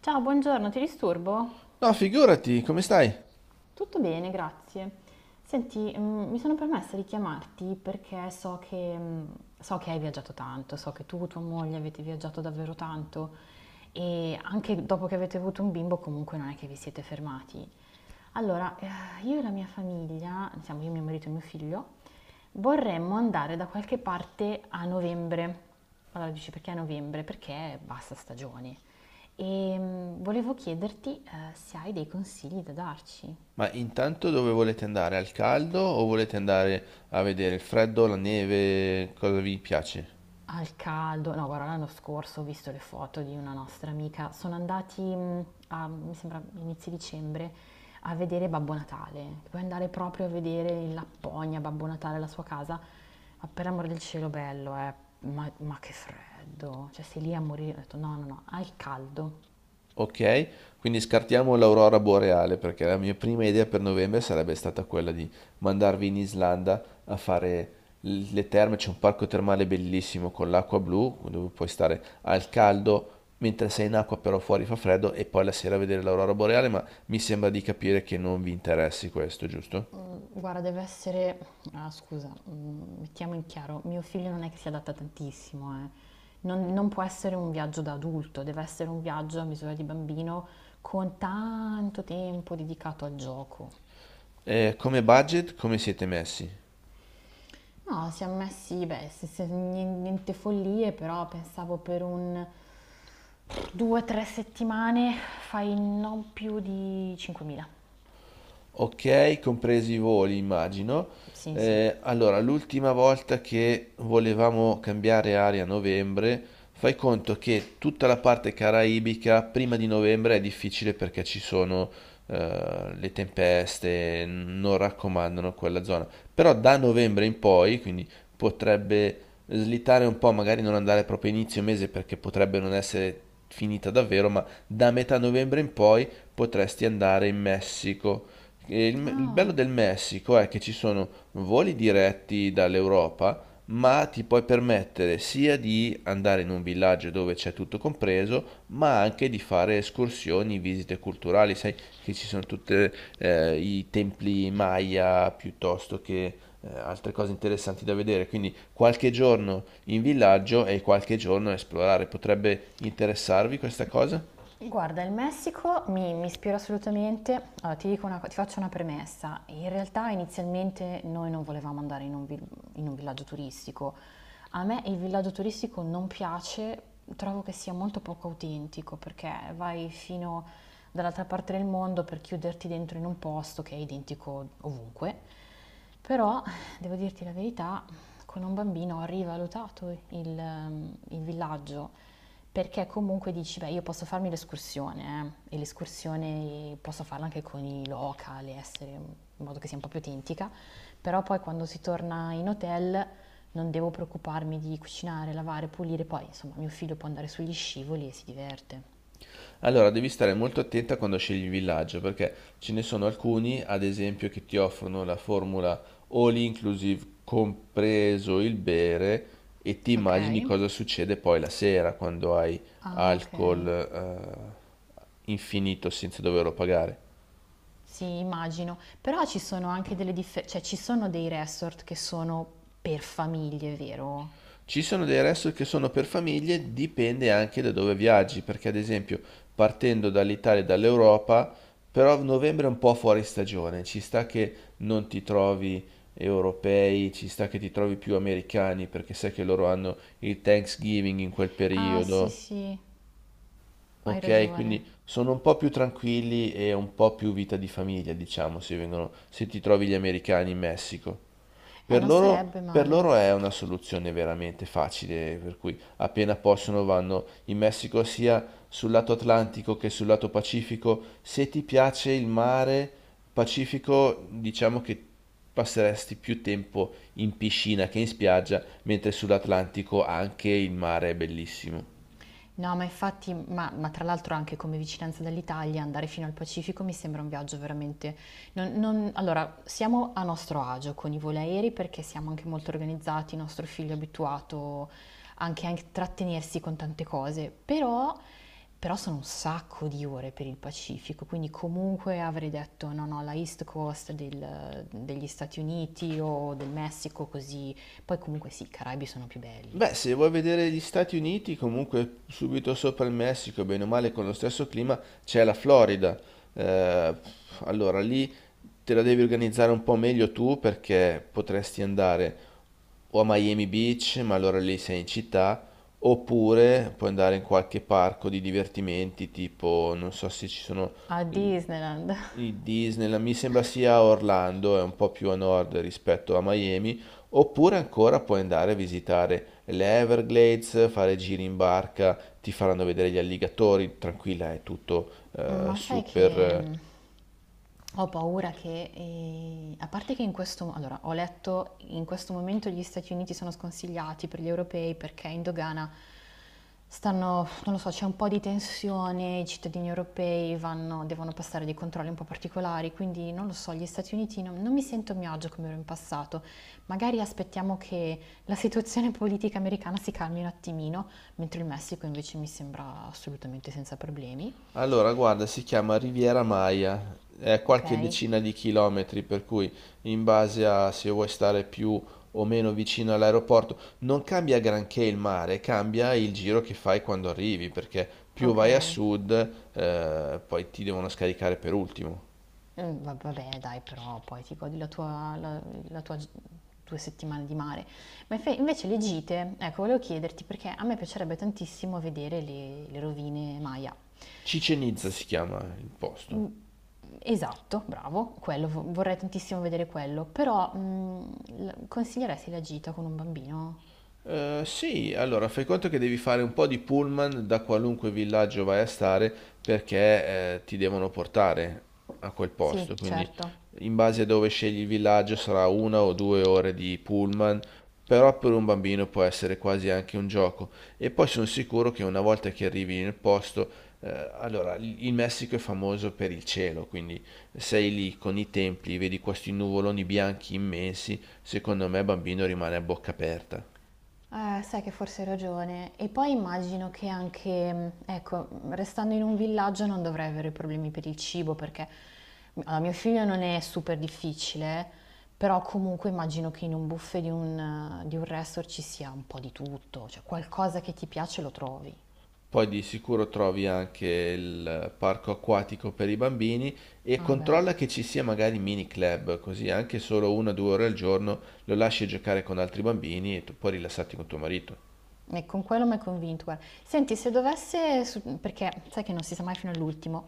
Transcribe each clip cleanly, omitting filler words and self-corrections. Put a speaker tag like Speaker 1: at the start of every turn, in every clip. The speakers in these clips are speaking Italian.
Speaker 1: Ciao, buongiorno, ti disturbo?
Speaker 2: No, figurati, come stai?
Speaker 1: Tutto bene, grazie. Senti, mi sono permessa di chiamarti perché so che, so che hai viaggiato tanto, so che tu e tua moglie avete viaggiato davvero tanto e anche dopo che avete avuto un bimbo comunque non è che vi siete fermati. Allora, io e la mia famiglia, siamo io, mio marito e mio figlio, vorremmo andare da qualche parte a novembre. Allora dici perché a novembre? Perché basta stagione. E volevo chiederti se hai dei consigli da darci.
Speaker 2: Ma intanto dove volete andare? Al caldo o volete andare a vedere il freddo, la neve, cosa vi piace?
Speaker 1: Al caldo, no, guarda, l'anno scorso ho visto le foto di una nostra amica. Sono andati a, mi sembra, inizio dicembre a vedere Babbo Natale. Puoi andare proprio a vedere in Lapponia Babbo Natale, la sua casa. Ma per amor del cielo, bello, eh. Ma che freddo. Cioè, sei lì a morire. Ho detto, no, no, no, al caldo.
Speaker 2: Ok, quindi scartiamo l'aurora boreale perché la mia prima idea per novembre sarebbe stata quella di mandarvi in Islanda a fare le terme, c'è un parco termale bellissimo con l'acqua blu dove puoi stare al caldo mentre sei in acqua però fuori fa freddo e poi la sera vedere l'aurora boreale, ma mi sembra di capire che non vi interessi questo, giusto?
Speaker 1: Guarda, deve essere... Ah, scusa, mettiamo in chiaro, mio figlio non è che si adatta tantissimo, eh. Non può essere un viaggio da adulto, deve essere un viaggio a misura di bambino con tanto tempo dedicato al gioco.
Speaker 2: Come budget, come siete messi?
Speaker 1: No, siamo messi, beh, niente follie, però pensavo per un 2-3 settimane fai non più di 5.000.
Speaker 2: Ok, compresi i voli, immagino.
Speaker 1: Sì, sì.
Speaker 2: Allora, l'ultima volta che volevamo cambiare aria a novembre, fai conto che tutta la parte caraibica prima di novembre è difficile perché ci sono le tempeste, non raccomandano quella zona. Però da novembre in poi, quindi potrebbe slittare un po', magari non andare proprio a inizio mese perché potrebbe non essere finita davvero, ma da metà novembre in poi potresti andare in Messico. E il
Speaker 1: Ah,
Speaker 2: bello del Messico è che ci sono voli diretti dall'Europa, ma ti puoi permettere sia di andare in un villaggio dove c'è tutto compreso, ma anche di fare escursioni, visite culturali. Sai che ci sono tutti i templi Maya piuttosto che altre cose interessanti da vedere. Quindi qualche giorno in villaggio e qualche giorno a esplorare. Potrebbe interessarvi questa cosa?
Speaker 1: guarda, il Messico mi ispira assolutamente. Allora, ti dico una ti faccio una premessa. In realtà inizialmente noi non volevamo andare in in un villaggio turistico. A me il villaggio turistico non piace, trovo che sia molto poco autentico perché vai fino dall'altra parte del mondo per chiuderti dentro in un posto che è identico ovunque. Però, devo dirti la verità, con un bambino ho rivalutato il villaggio, perché comunque dici, beh, io posso farmi l'escursione, e l'escursione posso farla anche con i local, e essere in modo che sia un po' più autentica, però poi quando si torna in hotel non devo preoccuparmi di cucinare, lavare, pulire, poi insomma mio figlio può andare sugli scivoli e si diverte.
Speaker 2: Allora, devi stare molto attenta quando scegli il villaggio, perché ce ne sono alcuni, ad esempio, che ti offrono la formula all inclusive, compreso il bere, e ti
Speaker 1: Ok.
Speaker 2: immagini cosa succede poi la sera quando hai
Speaker 1: Ah, ok.
Speaker 2: alcol, infinito senza doverlo pagare.
Speaker 1: Sì, immagino, però ci sono anche delle differenze, cioè ci sono dei resort che sono per famiglie, vero?
Speaker 2: Ci sono dei resort che sono per famiglie, dipende anche da dove viaggi, perché ad esempio partendo dall'Italia e dall'Europa, però novembre è un po' fuori stagione, ci sta che non ti trovi europei, ci sta che ti trovi più americani, perché sai che loro hanno il Thanksgiving in quel
Speaker 1: Ah, sì,
Speaker 2: periodo,
Speaker 1: sì, hai
Speaker 2: ok?
Speaker 1: ragione.
Speaker 2: Quindi sono un po' più tranquilli e un po' più vita di famiglia, diciamo, se vengono, se ti trovi gli americani in Messico. Per
Speaker 1: Non
Speaker 2: loro,
Speaker 1: sarebbe
Speaker 2: per
Speaker 1: male.
Speaker 2: loro è una soluzione veramente facile, per cui appena possono vanno in Messico sia sul lato Atlantico che sul lato Pacifico. Se ti piace il mare Pacifico, diciamo che passeresti più tempo in piscina che in spiaggia, mentre sull'Atlantico anche il mare è bellissimo.
Speaker 1: No, ma infatti, ma tra l'altro anche come vicinanza dall'Italia, andare fino al Pacifico mi sembra un viaggio veramente... allora, siamo a nostro agio con i voli aerei perché siamo anche molto organizzati, il nostro figlio è abituato anche a intrattenersi con tante cose, però, però sono un sacco di ore per il Pacifico, quindi comunque avrei detto no, no, la East Coast degli Stati Uniti o del Messico, così... Poi comunque sì, i Caraibi sono più belli.
Speaker 2: Beh, se vuoi vedere gli Stati Uniti, comunque subito sopra il Messico, bene o male con lo stesso clima, c'è la Florida. Eh, allora lì te la devi organizzare un po' meglio tu perché potresti andare o a Miami Beach, ma allora lì sei in città, oppure puoi andare in qualche parco di divertimenti, tipo, non so se ci sono
Speaker 1: A
Speaker 2: i
Speaker 1: Disneyland.
Speaker 2: i Disneyland, mi sembra sia a Orlando, è un po' più a nord rispetto a Miami. Oppure ancora puoi andare a visitare le Everglades, fare giri in barca, ti faranno vedere gli alligatori, tranquilla, è tutto
Speaker 1: Ma sai
Speaker 2: super.
Speaker 1: che ho paura che, a parte che in questo, allora, ho letto in questo momento gli Stati Uniti sono sconsigliati per gli europei perché in dogana stanno, non lo so, c'è un po' di tensione, i cittadini europei vanno, devono passare dei controlli un po' particolari, quindi non lo so, gli Stati Uniti non mi sento a mio agio come ero in passato. Magari aspettiamo che la situazione politica americana si calmi un attimino, mentre il Messico invece mi sembra assolutamente senza problemi.
Speaker 2: Allora, guarda, si chiama Riviera Maya, è a
Speaker 1: Ok,
Speaker 2: qualche decina di chilometri, per cui in base a se vuoi stare più o meno vicino all'aeroporto, non cambia granché il mare, cambia il giro che fai quando arrivi, perché più
Speaker 1: ok.
Speaker 2: vai a sud, poi ti devono scaricare per ultimo.
Speaker 1: Vabbè, dai, però poi ti godi la 2 settimane di mare. Ma invece le gite, ecco, volevo chiederti perché a me piacerebbe tantissimo vedere le rovine Maya.
Speaker 2: Cicenizza
Speaker 1: S-
Speaker 2: si chiama il posto.
Speaker 1: Esatto, bravo, quello, vorrei tantissimo vedere quello, però consiglieresti la gita con un bambino?
Speaker 2: Sì, allora fai conto che devi fare un po' di pullman da qualunque villaggio vai a stare perché ti devono portare a quel
Speaker 1: Sì,
Speaker 2: posto, quindi
Speaker 1: certo.
Speaker 2: in base a dove scegli il villaggio sarà una o due ore di pullman, però per un bambino può essere quasi anche un gioco. E poi sono sicuro che una volta che arrivi nel posto, allora il Messico è famoso per il cielo, quindi sei lì con i templi, vedi questi nuvoloni bianchi immensi, secondo me bambino rimane a bocca aperta.
Speaker 1: Sai che forse hai ragione. E poi immagino che anche, ecco, restando in un villaggio non dovrei avere problemi per il cibo perché allora, mio figlio non è super difficile, però comunque immagino che in un buffet di di un resort ci sia un po' di tutto, cioè qualcosa che ti piace lo trovi.
Speaker 2: Poi di sicuro trovi anche il parco acquatico per i bambini e
Speaker 1: Vabbè.
Speaker 2: controlla che ci sia magari mini club, così anche solo una o due ore al giorno lo lasci giocare con altri bambini e tu puoi rilassarti con tuo marito.
Speaker 1: E con quello mi hai convinto, guarda. Senti, se dovesse, perché sai che non si sa mai fino all'ultimo.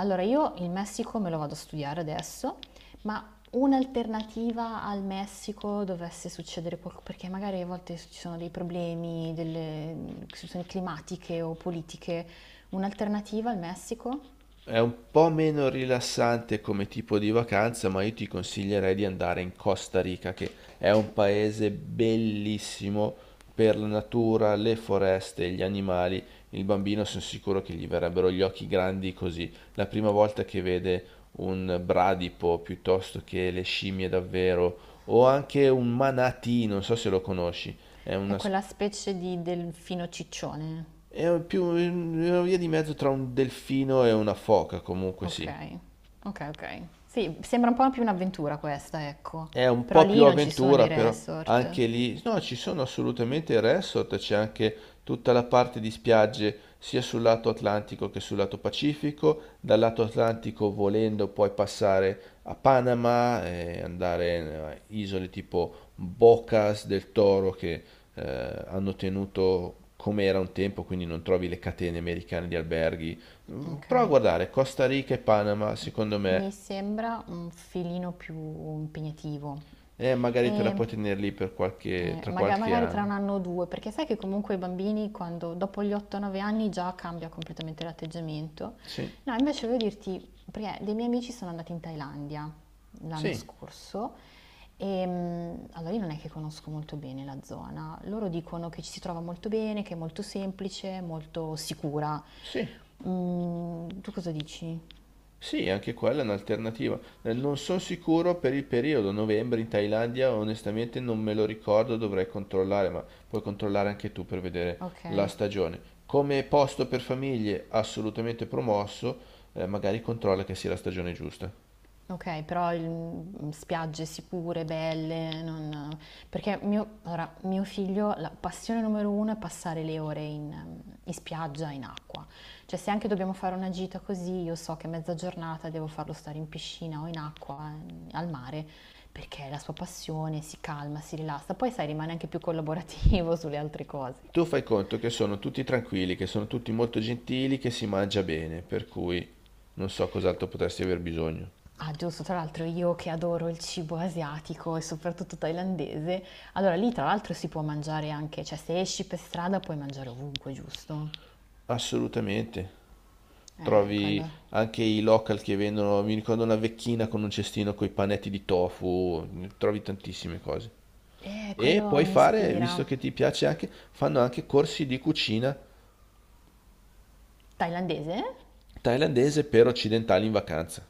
Speaker 1: Allora, io il Messico me lo vado a studiare adesso, ma un'alternativa al Messico dovesse succedere qualcosa, perché magari a volte ci sono dei problemi, delle situazioni climatiche o politiche. Un'alternativa al Messico
Speaker 2: È un po' meno rilassante come tipo di vacanza, ma io ti consiglierei di andare in Costa Rica, che è un paese bellissimo per la natura, le foreste, gli animali. Il bambino sono sicuro che gli verrebbero gli occhi grandi così. La prima volta che vede un bradipo piuttosto che le scimmie davvero, o anche un manatee, non so se lo conosci, è
Speaker 1: è
Speaker 2: una,
Speaker 1: quella specie di delfino ciccione.
Speaker 2: è più una via di mezzo tra un delfino e una foca, comunque
Speaker 1: Ok,
Speaker 2: sì.
Speaker 1: ok, ok. Sì, sembra un po' più un'avventura questa, ecco.
Speaker 2: È un
Speaker 1: Però
Speaker 2: po' più
Speaker 1: lì non ci sono i
Speaker 2: avventura, però
Speaker 1: resort.
Speaker 2: anche lì. No, ci sono assolutamente il resort, c'è anche tutta la parte di spiagge sia sul lato Atlantico che sul lato Pacifico. Dal lato Atlantico, volendo, puoi passare a Panama e andare in isole tipo Bocas del Toro che hanno tenuto come era un tempo, quindi non trovi le catene americane di alberghi. Mm, prova a
Speaker 1: Okay.
Speaker 2: guardare Costa Rica e Panama, secondo me.
Speaker 1: Mi sembra un filino più impegnativo
Speaker 2: E magari te la
Speaker 1: e,
Speaker 2: puoi tenere lì per qualche, tra qualche
Speaker 1: magari tra
Speaker 2: anno.
Speaker 1: 1 anno o 2, perché sai che comunque i bambini quando dopo gli 8, 9 anni già cambia completamente l'atteggiamento.
Speaker 2: Sì,
Speaker 1: No, invece volevo dirti, perché dei miei amici sono andati in Thailandia l'anno
Speaker 2: sì,
Speaker 1: scorso, allora io non è che conosco molto bene la zona. Loro dicono che ci si trova molto bene, che è molto semplice, molto sicura.
Speaker 2: sì,
Speaker 1: Mhmm, tu cosa dici?
Speaker 2: sì, anche quella è un'alternativa. Non sono sicuro per il periodo novembre in Thailandia, onestamente non me lo ricordo, dovrei controllare, ma puoi controllare anche tu per vedere la
Speaker 1: Okay.
Speaker 2: stagione. Come posto per famiglie assolutamente promosso, magari controlla che sia la stagione giusta.
Speaker 1: Ok, però spiagge sicure, belle, non... Perché allora, mio figlio, la passione numero uno è passare le ore in, in spiaggia, in acqua. Cioè se anche dobbiamo fare una gita così, io so che mezza giornata devo farlo stare in piscina o in acqua, al mare, perché è la sua passione, si calma, si rilassa, poi sai, rimane anche più collaborativo sulle altre cose.
Speaker 2: Tu fai conto che sono tutti tranquilli, che sono tutti molto gentili, che si mangia bene, per cui non so cos'altro potresti aver bisogno.
Speaker 1: Ah, giusto, tra l'altro io che adoro il cibo asiatico e soprattutto thailandese, allora lì tra l'altro si può mangiare anche, cioè se esci per strada puoi mangiare ovunque, giusto?
Speaker 2: Assolutamente. Trovi
Speaker 1: Quello,
Speaker 2: anche i local che vendono, mi ricordo una vecchina con un cestino con i panetti di tofu, trovi tantissime cose. E
Speaker 1: quello
Speaker 2: puoi
Speaker 1: mi
Speaker 2: fare,
Speaker 1: ispira.
Speaker 2: visto che ti piace anche, fanno anche corsi di cucina
Speaker 1: Thailandese?
Speaker 2: thailandese per occidentali in vacanza.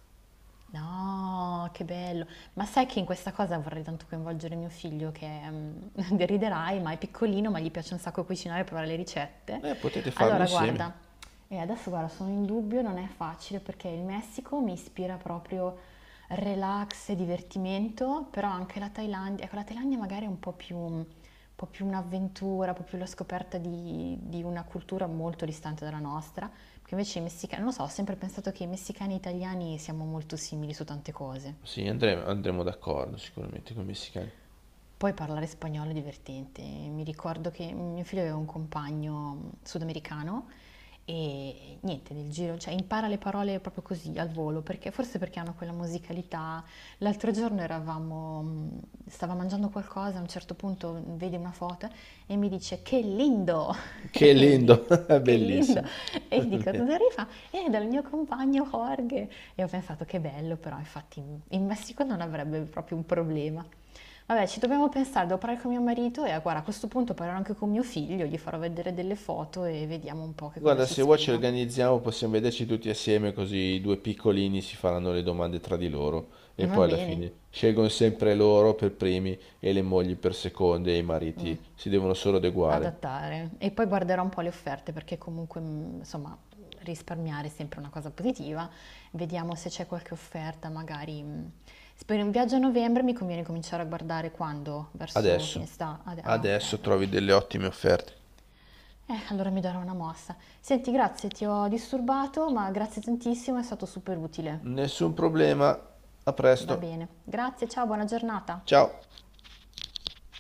Speaker 1: No, che bello. Ma sai che in questa cosa vorrei tanto coinvolgere mio figlio che deriderai, ma è piccolino, ma gli piace un sacco cucinare e provare le ricette.
Speaker 2: Potete farlo
Speaker 1: Allora, guarda,
Speaker 2: insieme.
Speaker 1: e adesso guarda, sono in dubbio, non è facile perché il Messico mi ispira proprio relax e divertimento, però anche la Thailandia, ecco, la Thailandia magari è un po' più un'avventura, un po' più la scoperta di una cultura molto distante dalla nostra. Perché invece i messicani, non lo so, ho sempre pensato che i messicani e italiani siamo molto simili su tante cose.
Speaker 2: Sì, andremo d'accordo sicuramente con i messicani.
Speaker 1: Poi parlare spagnolo è divertente. Mi ricordo che mio figlio aveva un compagno sudamericano e niente, nel giro, cioè impara le parole proprio così al volo, perché forse perché hanno quella musicalità. L'altro giorno eravamo, stava mangiando qualcosa, a un certo punto vede una foto e mi dice che lindo!
Speaker 2: Che
Speaker 1: E io gli dico
Speaker 2: lindo,
Speaker 1: che lindo!
Speaker 2: bellissimo.
Speaker 1: E gli dico da dove arriva? È dal mio compagno Jorge. E ho pensato che bello, però infatti in in Messico non avrebbe proprio un problema. Vabbè, ci dobbiamo pensare, devo parlare con mio marito e ah, guarda, a questo punto parlerò anche con mio figlio, gli farò vedere delle foto e vediamo un po' che cosa
Speaker 2: Guarda,
Speaker 1: ci
Speaker 2: se vuoi ci
Speaker 1: ispira.
Speaker 2: organizziamo, possiamo vederci tutti assieme, così i due piccolini si faranno le domande tra di loro e
Speaker 1: Va
Speaker 2: poi alla
Speaker 1: bene,
Speaker 2: fine scelgono sempre loro per primi e le mogli per seconde e i mariti si devono solo adeguare.
Speaker 1: adattare. E poi guarderò un po' le offerte perché comunque, insomma, risparmiare è sempre una cosa positiva. Vediamo se c'è qualche offerta, magari... se per un viaggio a novembre mi conviene cominciare a guardare quando? Verso fine
Speaker 2: Adesso,
Speaker 1: estate? Ah, ah, ok,
Speaker 2: adesso
Speaker 1: va
Speaker 2: trovi
Speaker 1: bene.
Speaker 2: delle ottime offerte.
Speaker 1: Allora mi darò una mossa. Senti, grazie, ti ho disturbato, ma grazie tantissimo, è stato super utile.
Speaker 2: Nessun problema, a
Speaker 1: Va
Speaker 2: presto.
Speaker 1: bene, grazie, ciao, buona giornata.
Speaker 2: Ciao.